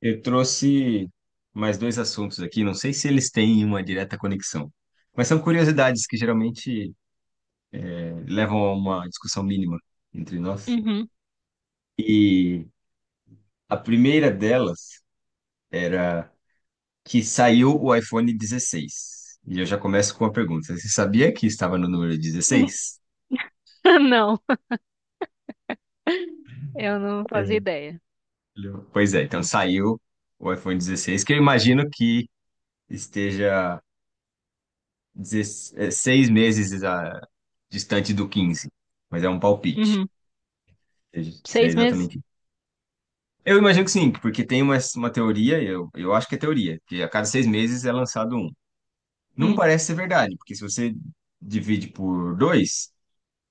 Eu trouxe mais dois assuntos aqui, não sei se eles têm uma direta conexão, mas são curiosidades que geralmente levam a uma discussão mínima entre nós. Uhum. E a primeira delas era que saiu o iPhone 16. E eu já começo com uma pergunta: você sabia que estava no número 16? Não eu não fazia É. ideia. Pois é, então saiu o iPhone 16, que eu imagino que esteja 6 meses distante do 15, mas é um palpite. Uhum. Se é Seis meses? exatamente isso. Eu imagino que sim, porque tem uma teoria, eu acho que é teoria, que a cada 6 meses é lançado um. Não Hum, parece ser verdade, porque se você divide por dois,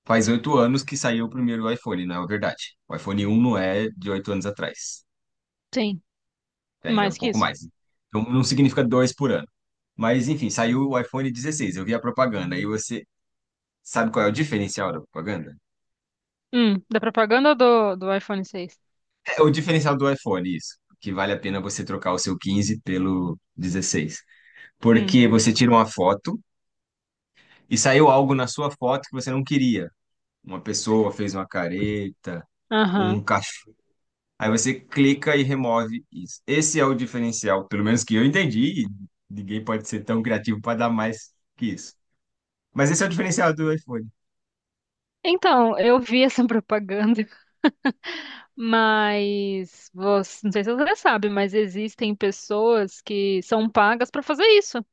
faz 8 anos que saiu o primeiro iPhone, não é verdade. O iPhone um não é de 8 anos atrás, sim, né? É um mais que pouco isso. mais. Então não significa dois por ano. Mas enfim, saiu o iPhone dezesseis, eu vi a propaganda, e você sabe qual é o diferencial da propaganda? Da propaganda do iPhone seis. É o diferencial do iPhone, isso. Que vale a pena você trocar o seu 15 pelo 16. Hum, Porque você tira uma foto e saiu algo na sua foto que você não queria. Uma pessoa fez uma careta, aham. um cachorro. Aí você clica e remove isso. Esse é o diferencial, pelo menos que eu entendi. Ninguém pode ser tão criativo para dar mais que isso. Mas esse é o diferencial do iPhone. Então, eu vi essa propaganda, mas você, não sei se você sabe, mas existem pessoas que são pagas pra fazer isso.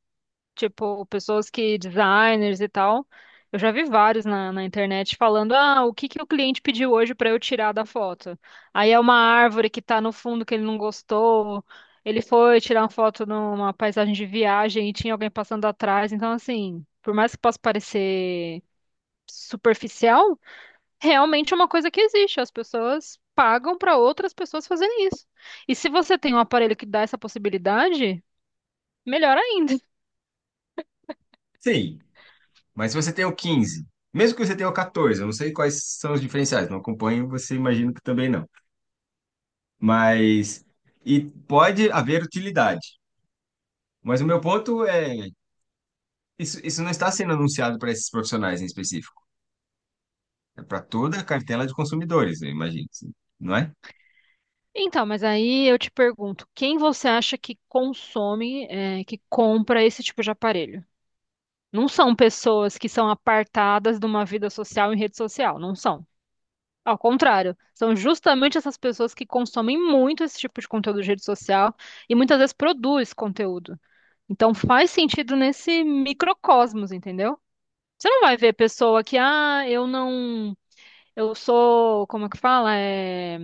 Tipo, pessoas que, designers e tal. Eu já vi vários na internet falando, ah, o que que o cliente pediu hoje para eu tirar da foto? Aí é uma árvore que tá no fundo que ele não gostou. Ele foi tirar uma foto numa paisagem de viagem e tinha alguém passando atrás. Então, assim, por mais que possa parecer superficial, realmente é uma coisa que existe. As pessoas pagam para outras pessoas fazerem isso. E se você tem um aparelho que dá essa possibilidade, melhor ainda. Sim, mas se você tem o 15, mesmo que você tenha o 14, eu não sei quais são os diferenciais, não acompanho, você imagino que também não. Mas e pode haver utilidade. Mas o meu ponto é, isso não está sendo anunciado para esses profissionais em específico. É para toda a cartela de consumidores, eu imagino, assim, não é? Então, mas aí eu te pergunto, quem você acha que consome, é, que compra esse tipo de aparelho? Não são pessoas que são apartadas de uma vida social em rede social, não são. Ao contrário, são justamente essas pessoas que consomem muito esse tipo de conteúdo de rede social e muitas vezes produz conteúdo. Então faz sentido nesse microcosmos, entendeu? Você não vai ver pessoa que, ah, eu não, eu sou, como é que fala? É,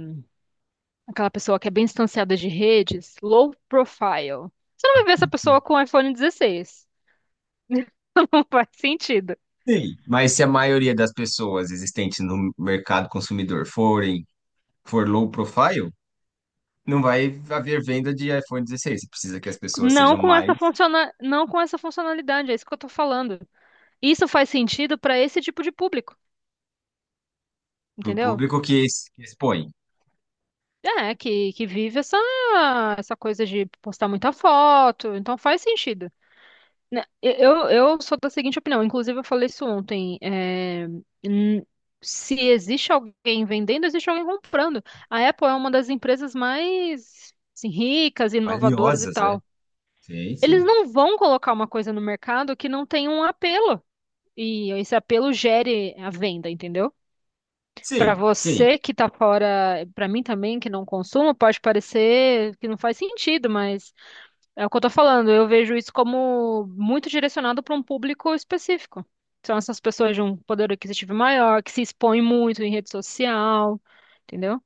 aquela pessoa que é bem distanciada de redes, low profile. Você não vai ver essa pessoa com iPhone 16. Não faz sentido. Sim. Mas se a maioria das pessoas existentes no mercado consumidor for low profile, não vai haver venda de iPhone dezesseis. Você precisa que as pessoas Não sejam com mais, essa funciona... não com essa funcionalidade, é isso que eu tô falando. Isso faz sentido para esse tipo de público, para o entendeu? público que, que expõe. É, que vive essa, essa coisa de postar muita foto, então faz sentido. Né, Eu sou da seguinte opinião, inclusive eu falei isso ontem. É, n- se existe alguém vendendo, existe alguém comprando. A Apple é uma das empresas mais assim, ricas, inovadoras e Valiosas, né? tal. Sim, Eles sim. não vão colocar uma coisa no mercado que não tem um apelo. E esse apelo gere a venda, entendeu? Para Sim, sim. você que tá fora, para mim também, que não consumo, pode parecer que não faz sentido, mas. É o que eu tô falando, eu vejo isso como muito direcionado para um público específico. São essas pessoas de um poder aquisitivo maior, que se expõem muito em rede social, entendeu?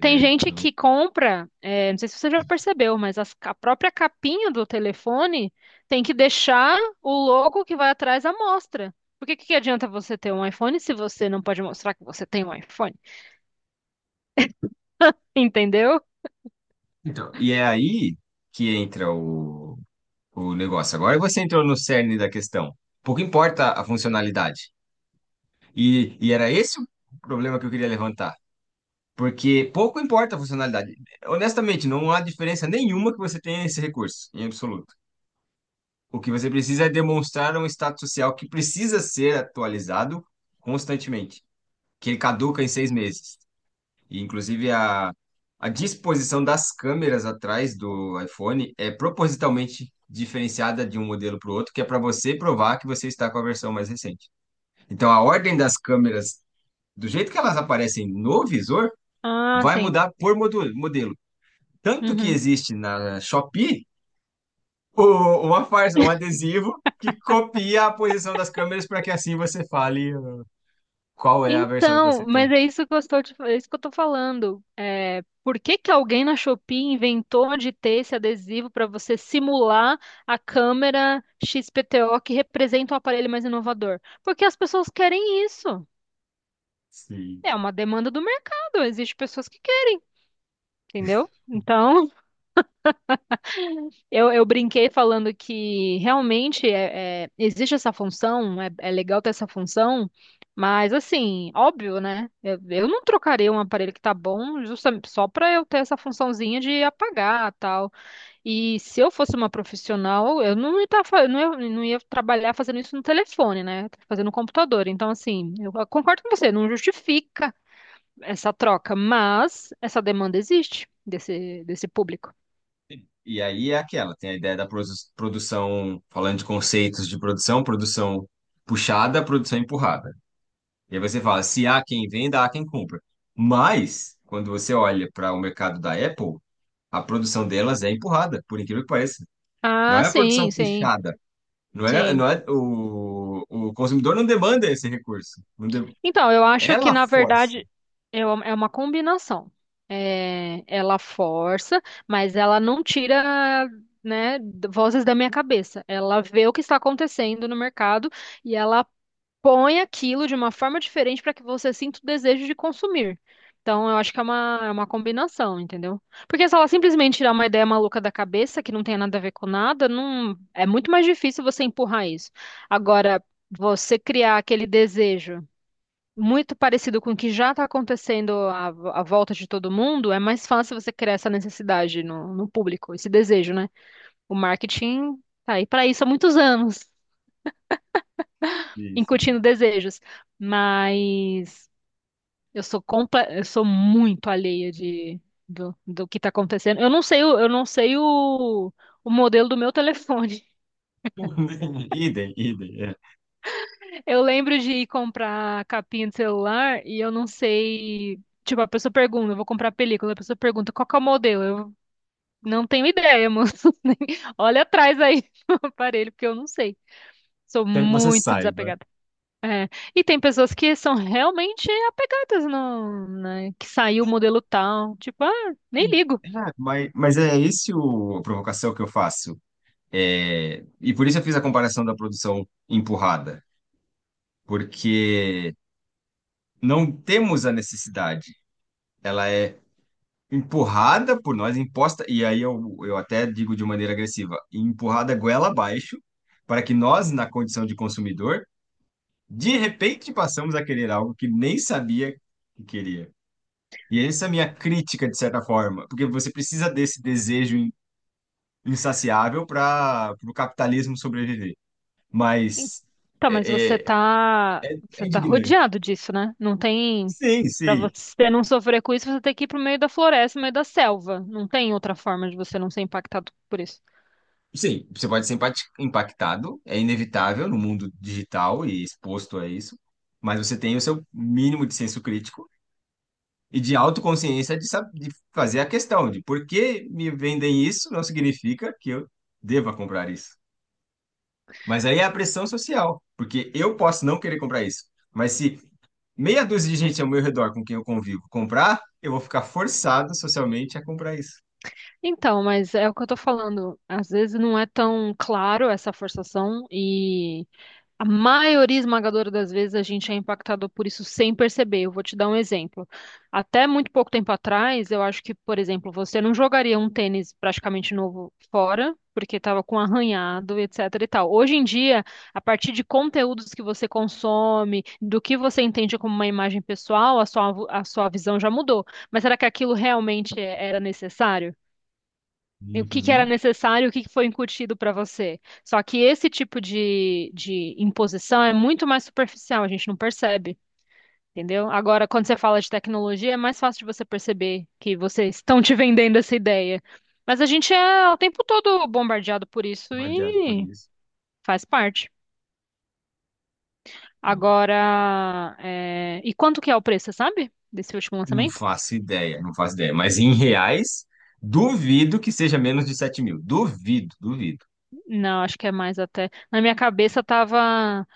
Tem É. gente que compra, é, não sei se você já percebeu, mas a própria capinha do telefone tem que deixar o logo que vai atrás à mostra. Porque que adianta você ter um iPhone se você não pode mostrar que você tem um iPhone? Entendeu? Então, e é aí que entra o negócio. Agora você entrou no cerne da questão. Pouco importa a funcionalidade. E era esse o problema que eu queria levantar. Porque pouco importa a funcionalidade. Honestamente, não há diferença nenhuma que você tenha esse recurso, em absoluto. O que você precisa é demonstrar um status social que precisa ser atualizado constantemente, que ele caduca em 6 meses. E, inclusive, a disposição das câmeras atrás do iPhone é propositalmente diferenciada de um modelo para o outro, que é para você provar que você está com a versão mais recente. Então, a ordem das câmeras, do jeito que elas aparecem no visor, Ah, vai sim. mudar por modelo. Tanto que Uhum. existe na Shopee o- uma farsa, um adesivo que copia a posição das câmeras para que assim você fale qual é a versão que você Então, tem. mas é isso que eu estou, é isso que eu tô falando. É, por que que alguém na Shopee inventou de ter esse adesivo para você simular a câmera XPTO que representa o aparelho mais inovador? Porque as pessoas querem isso. Sim. É uma demanda do mercado, existem pessoas que querem, entendeu? Então, eu brinquei falando que realmente existe essa função, é, é legal ter essa função, mas assim, óbvio, né? Eu não trocaria um aparelho que tá bom justamente só para eu ter essa funçãozinha de apagar tal. E se eu fosse uma profissional, eu não ia, não ia, não ia trabalhar fazendo isso no telefone, né? Fazendo no computador. Então, assim, eu concordo com você, não justifica essa troca, mas essa demanda existe desse público. E aí é aquela, tem a ideia da produção, falando de conceitos de produção, produção puxada, produção empurrada. E aí você fala, se há quem venda, há quem compra. Mas, quando você olha para o mercado da Apple, a produção delas é empurrada, por incrível que pareça. Não Ah, é a sim, produção sim. puxada, Sim. não é o consumidor não demanda esse recurso. Não de- Então, eu acho que, ela na força. verdade, é uma combinação. É, ela força, mas ela não tira, né, vozes da minha cabeça. Ela vê o que está acontecendo no mercado e ela põe aquilo de uma forma diferente para que você sinta o desejo de consumir. Então, eu acho que é uma combinação, entendeu? Porque se ela simplesmente tirar uma ideia maluca da cabeça, que não tem nada a ver com nada, não, é muito mais difícil você empurrar isso. Agora, você criar aquele desejo muito parecido com o que já está acontecendo à, à volta de todo mundo, é mais fácil você criar essa necessidade no público, esse desejo, né? O marketing tá aí para isso há muitos anos, Isso. incutindo desejos. Mas eu sou eu sou muito alheia de, do que está acontecendo. Eu não sei, eu não sei o modelo do meu telefone. Idem, idem. É. Eu lembro de ir comprar capinha de celular e eu não sei. Tipo, a pessoa pergunta, eu vou comprar película, a pessoa pergunta qual que é o modelo? Eu não tenho ideia, moço. Nem- olha atrás aí no aparelho, porque eu não sei. Sou Quero que você muito saiba. desapegada. É. E tem pessoas que são realmente apegadas no, né, que saiu o modelo tal, tipo, ah, nem ligo. É, mas é esse a provocação que eu faço. É, e por isso eu fiz a comparação da produção empurrada, porque não temos a necessidade, ela é empurrada por nós, imposta, e aí eu até digo de maneira agressiva, empurrada goela abaixo, para que nós, na condição de consumidor, de repente passamos a querer algo que nem sabia que queria. E essa é a minha crítica, de certa forma, porque você precisa desse desejo insaciável para o capitalismo sobreviver. Mas Tá, mas é, É, você é tá indignante. rodeado disso, né? Não tem, Sim, pra sim. você não sofrer com isso, você tem que ir pro meio da floresta, no meio da selva. Não tem outra forma de você não ser impactado por isso. Sim, você pode ser impactado, é inevitável no mundo digital e exposto a isso, mas você tem o seu mínimo de senso crítico e de autoconsciência de, de fazer a questão de por que me vendem isso não significa que eu deva comprar isso. Mas aí é a pressão social, porque eu posso não querer comprar isso, mas se meia dúzia de gente ao meu redor com quem eu convivo comprar, eu vou ficar forçado socialmente a comprar isso. Então, mas é o que eu tô falando. Às vezes não é tão claro essa forçação e a maioria esmagadora das vezes a gente é impactado por isso sem perceber. Eu vou te dar um exemplo. Até muito pouco tempo atrás, eu acho que, por exemplo, você não jogaria um tênis praticamente novo fora, porque estava com arranhado, etc e tal. Hoje em dia, a partir de conteúdos que você consome, do que você entende como uma imagem pessoal, a sua visão já mudou. Mas será que aquilo realmente era necessário? E o que que era Uhum. necessário, o que que foi incutido para você. Só que esse tipo de imposição é muito mais superficial, a gente não percebe, entendeu? Agora, quando você fala de tecnologia, é mais fácil de você perceber que vocês estão te vendendo essa ideia. Mas a gente é o tempo todo bombardeado por isso Vou vadiado por e isso. faz parte. Hum, Agora, é, e quanto que é o preço, você sabe? Desse último não lançamento? faço ideia, não faço ideia. Mas em reais, duvido que seja menos de 7 mil. Duvido, duvido. Não, acho que é mais até. Na minha cabeça tava.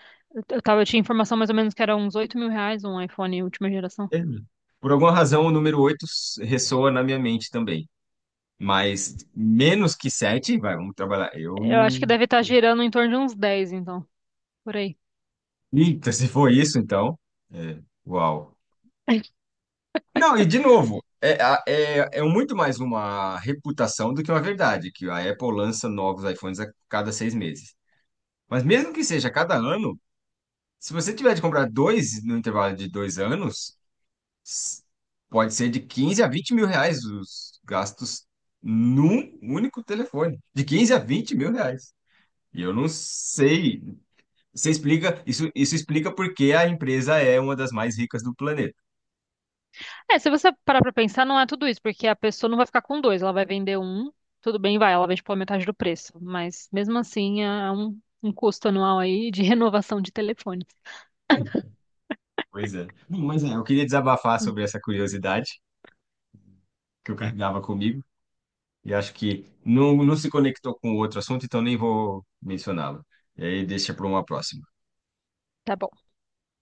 Eu tava, eu tinha informação mais ou menos que era uns R$ 8 mil um iPhone última geração. É, meu. Por alguma razão, o número 8 ressoa na minha mente também. Mas menos que 7, vai, vamos trabalhar. Eu Eu acho que não. deve estar girando em torno de uns 10 então, por aí. Eita, se for isso, então. É, uau. Não, e de novo, é, é, é muito mais uma reputação do que uma verdade, que a Apple lança novos iPhones a cada 6 meses. Mas mesmo que seja a cada ano, se você tiver de comprar dois no intervalo de dois anos, s- pode ser de 15 a 20 mil reais os gastos num único telefone. De 15 a 20 mil reais. E eu não sei. Você explica, isso explica porque a empresa é uma das mais ricas do planeta. É, se você parar pra pensar, não é tudo isso, porque a pessoa não vai ficar com dois, ela vai vender um, tudo bem, vai, ela vende pela metade do preço, mas mesmo assim é um, um custo anual aí de renovação de telefone. Pois é. Bom, mas é, eu queria desabafar Hum. sobre essa curiosidade que eu carregava comigo e acho que não, não se conectou com outro assunto, então nem vou mencioná-lo. E aí deixa para uma próxima. Tá bom.